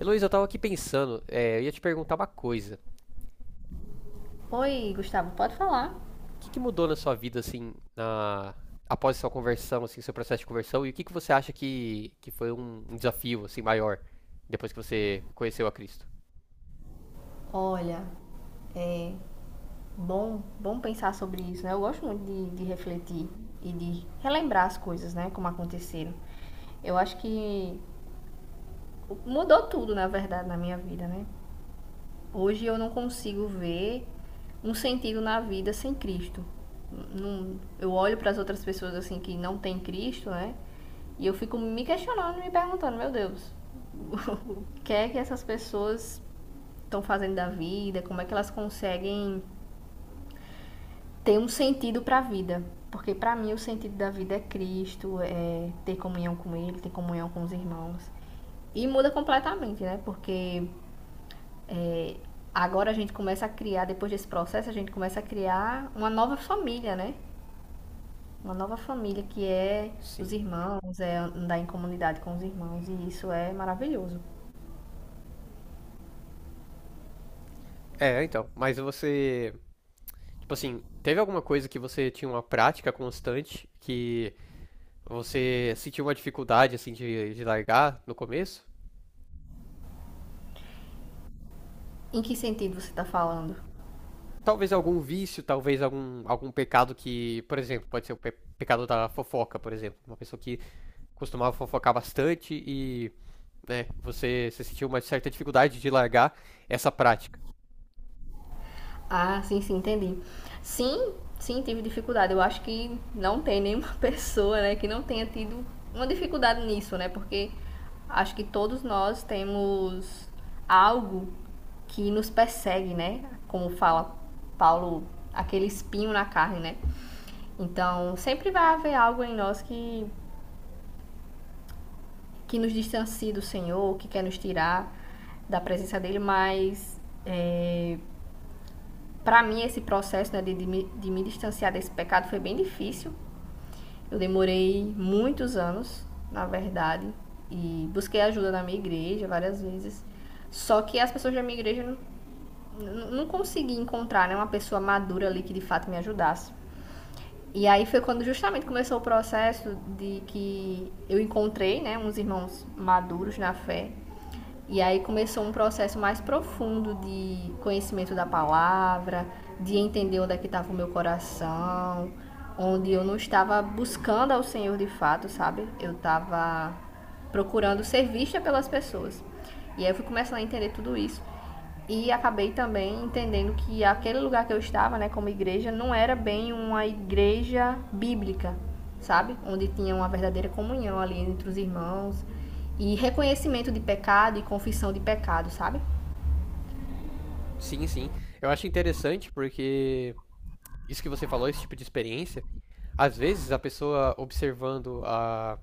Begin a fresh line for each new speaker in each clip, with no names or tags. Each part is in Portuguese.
Heloísa, eu tava aqui pensando, eu ia te perguntar uma coisa. O
Oi, Gustavo, pode falar.
que que mudou na sua vida, assim, após sua conversão, assim, seu processo de conversão, e o que que você acha que foi um desafio, assim, maior, depois que você conheceu a Cristo?
Olha, é bom, bom pensar sobre isso, né? Eu gosto muito de refletir e de relembrar as coisas, né? Como aconteceram. Eu acho que mudou tudo, na verdade, na minha vida, né? Hoje eu não consigo ver um sentido na vida sem Cristo. Eu olho para as outras pessoas assim que não têm Cristo, né? E eu fico me questionando, me perguntando, meu Deus, o que é que essas pessoas estão fazendo da vida, como é que elas conseguem ter um sentido para a vida. Porque para mim o sentido da vida é Cristo, é ter comunhão com Ele, ter comunhão com os irmãos. E muda completamente, né? Porque é, agora a gente começa a criar, depois desse processo, a gente começa a criar uma nova família, né? Uma nova família que é os
Sim.
irmãos, é andar em comunidade com os irmãos. E isso é maravilhoso.
É, então. Mas você. Tipo assim, teve alguma coisa que você tinha uma prática constante que você sentiu uma dificuldade, assim, de largar no começo?
Em que sentido você está falando?
Talvez algum vício, talvez algum pecado que, por exemplo, pode ser o pecado da fofoca, por exemplo. Uma pessoa que costumava fofocar bastante e né, você sentiu uma certa dificuldade de largar essa prática.
Ah, sim, sim, entendi. Sim, sim, tive dificuldade. Eu acho que não tem nenhuma pessoa, né, que não tenha tido uma dificuldade nisso, né? Porque acho que todos nós temos algo que nos persegue, né? Como fala Paulo, aquele espinho na carne, né? Então, sempre vai haver algo em nós que nos distancie do Senhor, que quer nos tirar da presença dele, mas para mim, esse processo né, de me distanciar desse pecado foi bem difícil. Eu demorei muitos anos, na verdade, e busquei ajuda na minha igreja várias vezes. Só que as pessoas da minha igreja não consegui encontrar né, uma pessoa madura ali que de fato me ajudasse. E aí foi quando justamente começou o processo de que eu encontrei, né, uns irmãos maduros na fé. E aí começou um processo mais profundo de conhecimento da palavra, de entender onde é que estava o meu coração, onde eu não estava buscando ao Senhor de fato, sabe? Eu estava procurando ser vista pelas pessoas. E aí eu fui começando a entender tudo isso. E acabei também entendendo que aquele lugar que eu estava, né, como igreja, não era bem uma igreja bíblica, sabe? Onde tinha uma verdadeira comunhão ali entre os irmãos e reconhecimento de pecado e confissão de pecado, sabe?
Sim, sim. Eu acho interessante porque isso que você falou, esse tipo de experiência, às vezes a pessoa observando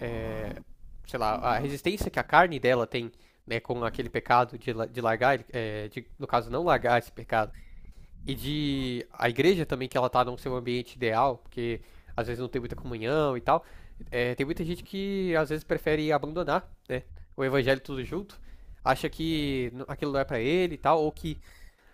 é, sei lá, a resistência que a carne dela tem, né, com aquele pecado de largar, no caso, não largar esse pecado. E de a igreja também, que ela tá num seu ambiente ideal, porque às vezes não tem muita comunhão e tal. É, tem muita gente que às vezes prefere abandonar, né, o evangelho tudo junto, acha que aquilo não é pra ele e tal, ou que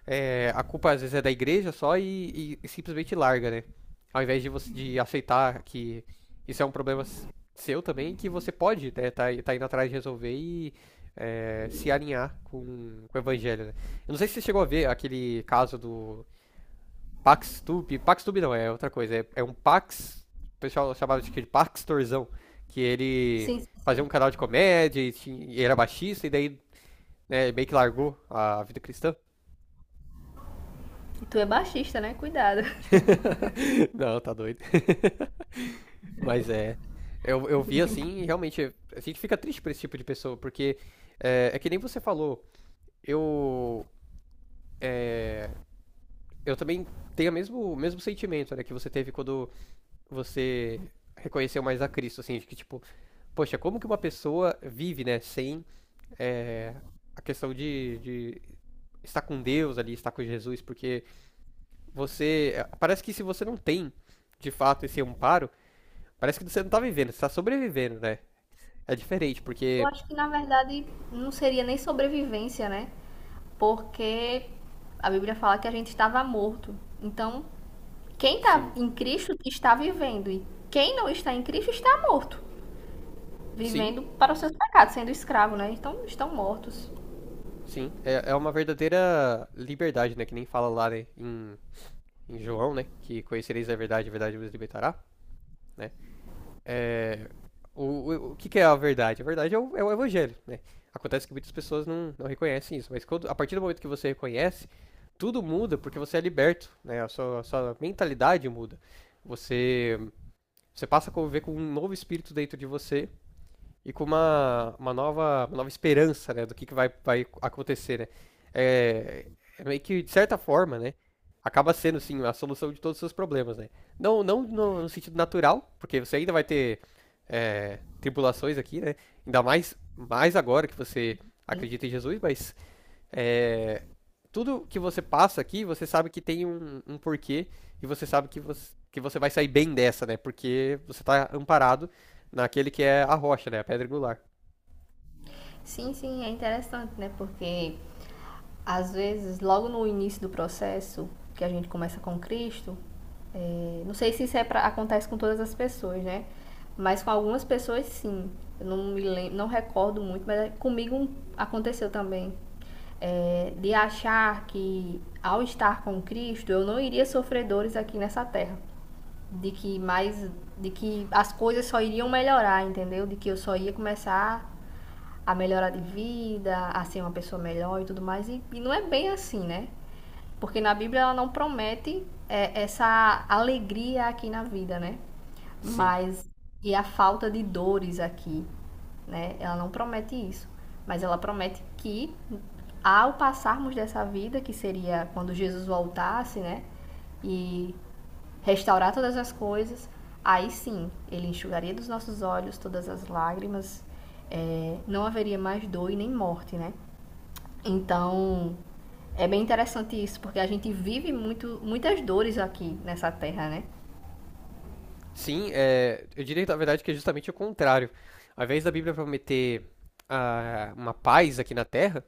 a culpa às vezes é da igreja só e simplesmente larga, né? Ao invés de você de aceitar que isso é um problema seu também, que você pode, né, tá indo atrás de resolver e se alinhar com o evangelho, né? Eu não sei se você chegou a ver aquele caso do PaxTube. PaxTube não, é outra coisa. É um Pax. O pessoal chamava de Paxtorzão. Que ele
Sim, sim,
fazia
sim.
um canal de comédia e era baixista, e daí né, meio que largou a vida cristã.
E tu é baixista, né? Cuidado.
Não, tá doido. Mas é. Eu vi
Brincadeira.
assim e realmente a gente fica triste por esse tipo de pessoa, porque é que nem você falou. Eu. é, eu também tenho o mesmo sentimento, né, que você teve quando você reconheceu mais a Cristo, assim, de que tipo. Poxa, como que uma pessoa vive, né, sem é, a questão de estar com Deus ali, estar com Jesus, porque parece que se você não tem, de fato, esse amparo, parece que você não tá vivendo, você tá sobrevivendo, né? É diferente,
Eu
porque,
acho que na verdade não seria nem sobrevivência, né? Porque a Bíblia fala que a gente estava morto. Então, quem está
sim,
em Cristo está vivendo e quem não está em Cristo está morto,
sim,
vivendo para os seus pecados, sendo escravo, né? Então, estão mortos.
sim, é uma verdadeira liberdade, né, que nem fala lá, né, em João, né, que conhecereis a verdade vos libertará, né? É, o que é a verdade? A verdade é o evangelho, né? Acontece que muitas pessoas não reconhecem isso, mas a partir do momento que você reconhece, tudo muda porque você é liberto, né? A sua mentalidade muda. Você, você passa a conviver com um novo espírito dentro de você e com uma nova esperança, né, do que vai acontecer, né? É, é meio que, de certa forma, né, acaba sendo, sim, a solução de todos os seus problemas, né? Não, não no sentido natural, porque você ainda vai ter tribulações aqui, né? Ainda mais agora que você acredita em Jesus, mas é, tudo que você passa aqui, você sabe que tem um porquê e você sabe que você vai sair bem dessa, né? Porque você tá amparado naquele que é a rocha, né? A pedra angular.
Sim, sim, é interessante, né? Porque às vezes, logo no início do processo que a gente começa com Cristo, não sei se isso é pra, acontece com todas as pessoas, né? Mas com algumas pessoas sim. Eu não me lembro, não recordo muito, mas comigo aconteceu também. É, de achar que ao estar com Cristo eu não iria sofrer dores aqui nessa terra. De que mais. De que as coisas só iriam melhorar, entendeu? De que eu só ia começar a melhorar de vida, a ser uma pessoa melhor e tudo mais. E, não é bem assim, né? Porque na Bíblia ela não promete essa alegria aqui na vida, né?
Sim.
Mas e a falta de dores aqui, né? Ela não promete isso, mas ela promete que ao passarmos dessa vida, que seria quando Jesus voltasse, né? E restaurar todas as coisas, aí sim, ele enxugaria dos nossos olhos todas as lágrimas, não haveria mais dor e nem morte, né? Então, é bem interessante isso, porque a gente vive muito, muitas dores aqui nessa terra, né?
Sim, eu diria, na verdade, que é justamente o contrário. Ao invés da Bíblia prometer uma paz aqui na Terra,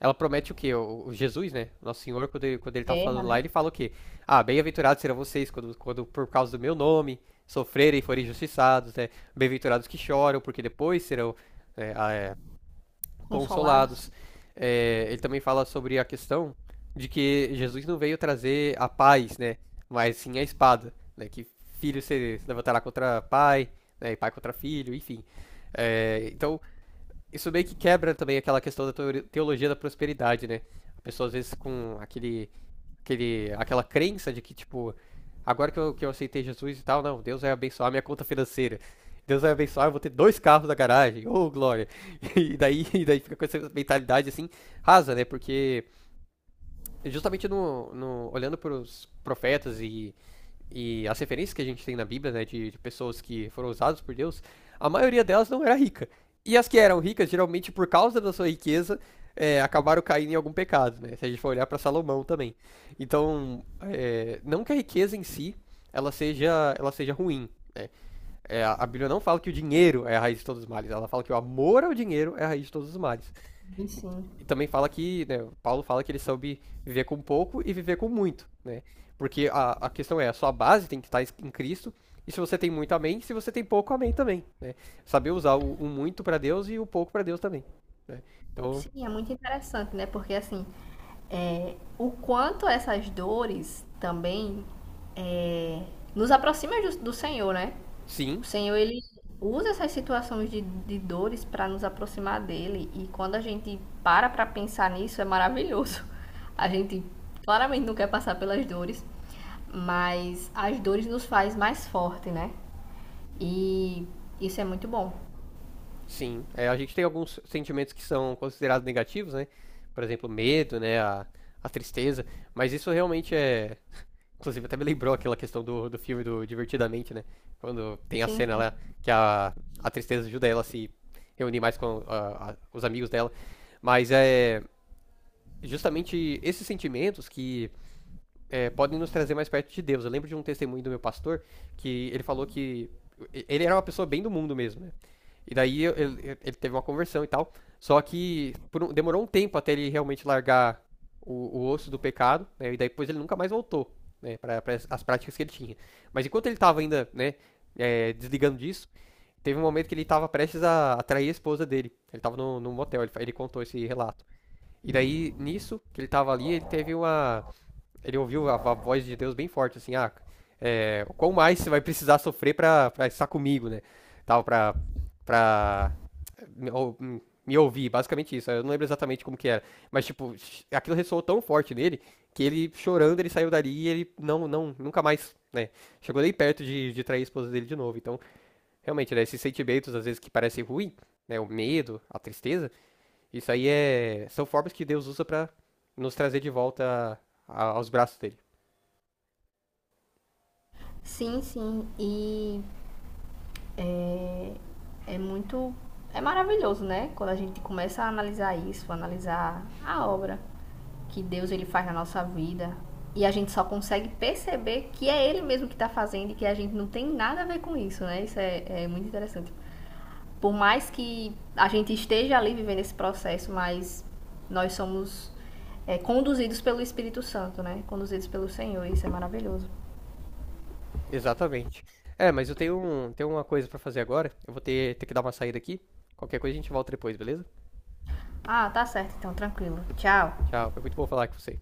ela promete o quê? O Jesus, né? Nosso Senhor, quando ele tá
Guerra,
falando lá,
né?
ele fala o quê? Ah, bem-aventurados serão vocês quando por causa do meu nome sofrerem e forem injustiçados, né? Bem-aventurados que choram, porque depois serão, né,
Consolados.
consolados. É, ele também fala sobre a questão de que Jesus não veio trazer a paz, né? Mas sim a espada, né? Que filho se levantará contra pai, né? E pai contra filho, enfim. É, então, isso meio que quebra também aquela questão da teologia da prosperidade, né? A pessoa às vezes com aquela crença de que, tipo, agora que eu aceitei Jesus e tal, não, Deus vai abençoar minha conta financeira. Deus vai abençoar, eu vou ter dois carros na garagem. Ô, glória! E daí fica com essa mentalidade assim, rasa, né? Porque justamente no olhando para os profetas e as referências que a gente tem na Bíblia, né, de pessoas que foram usadas por Deus, a maioria delas não era rica. E as que eram ricas, geralmente por causa da sua riqueza, acabaram caindo em algum pecado, né? Se a gente for olhar para Salomão também. Então, não que a riqueza em si ela seja ruim. Né? É, a Bíblia não fala que o dinheiro é a raiz de todos os males, ela fala que o amor ao dinheiro é a raiz de todos os males.
E sim.
E também fala que, né, Paulo fala que ele soube viver com pouco e viver com muito, né? Porque a questão é, a sua base tem que estar em Cristo, e se você tem muito, amém, se você tem pouco, amém também, né? Saber usar o muito para Deus e o pouco para Deus também, né? Então,
Sim, é muito interessante, né? Porque assim, o quanto essas dores também é, nos aproxima do Senhor, né?
sim,
O Senhor, ele usa essas situações de dores para nos aproximar dele. E quando a gente para para pensar nisso, é maravilhoso. A gente claramente não quer passar pelas dores, mas as dores nos faz mais forte, né? E isso é muito bom.
sim. É, a gente tem alguns sentimentos que são considerados negativos, né? Por exemplo, medo, né, a tristeza, mas isso realmente é. Inclusive, até me lembrou aquela questão do filme do Divertidamente, né? Quando tem a
Sim,
cena
sim.
lá que a tristeza ajuda ela a se reunir mais com os amigos dela. Mas é justamente esses sentimentos que podem nos trazer mais perto de Deus. Eu lembro de um testemunho do meu pastor que ele falou que ele era uma pessoa bem do mundo mesmo, né? E daí ele teve uma conversão e tal. Só que demorou um tempo até ele realmente largar o osso do pecado, né? E daí depois ele nunca mais voltou, né? Para as práticas que ele tinha. Mas enquanto ele estava ainda, né, desligando disso, teve um momento que ele estava prestes a atrair a esposa dele. Ele estava no, num motel, ele contou esse relato. E daí, nisso, que ele estava ali, ele teve uma. Ele ouviu a voz de Deus bem forte, assim, qual mais você vai precisar sofrer para estar comigo, né? Tal, pra me, ou- hum, me ouvir, basicamente isso. Eu não lembro exatamente como que era. Mas, tipo, aquilo ressoou tão forte nele que ele, chorando, ele saiu dali e ele não, não, nunca mais, né? Chegou nem perto de trair a esposa dele de novo. Então, realmente, né, esses sentimentos, às vezes, que parecem ruim, né? O medo, a tristeza, isso aí são formas que Deus usa pra nos trazer de volta aos braços dele.
Sim, sim. E é, é muito. É maravilhoso, né? Quando a gente começa a analisar isso, analisar a obra que Deus ele faz na nossa vida. E a gente só consegue perceber que é Ele mesmo que está fazendo e que a gente não tem nada a ver com isso, né? Isso é, é muito interessante. Por mais que a gente esteja ali vivendo esse processo, mas nós somos conduzidos pelo Espírito Santo, né? Conduzidos pelo Senhor. Isso é maravilhoso.
Exatamente. É, mas eu tenho uma coisa pra fazer agora. Eu vou ter que dar uma saída aqui. Qualquer coisa a gente volta depois, beleza?
Ah, tá certo, então, tranquilo. Tchau.
Tchau, foi muito bom falar com você.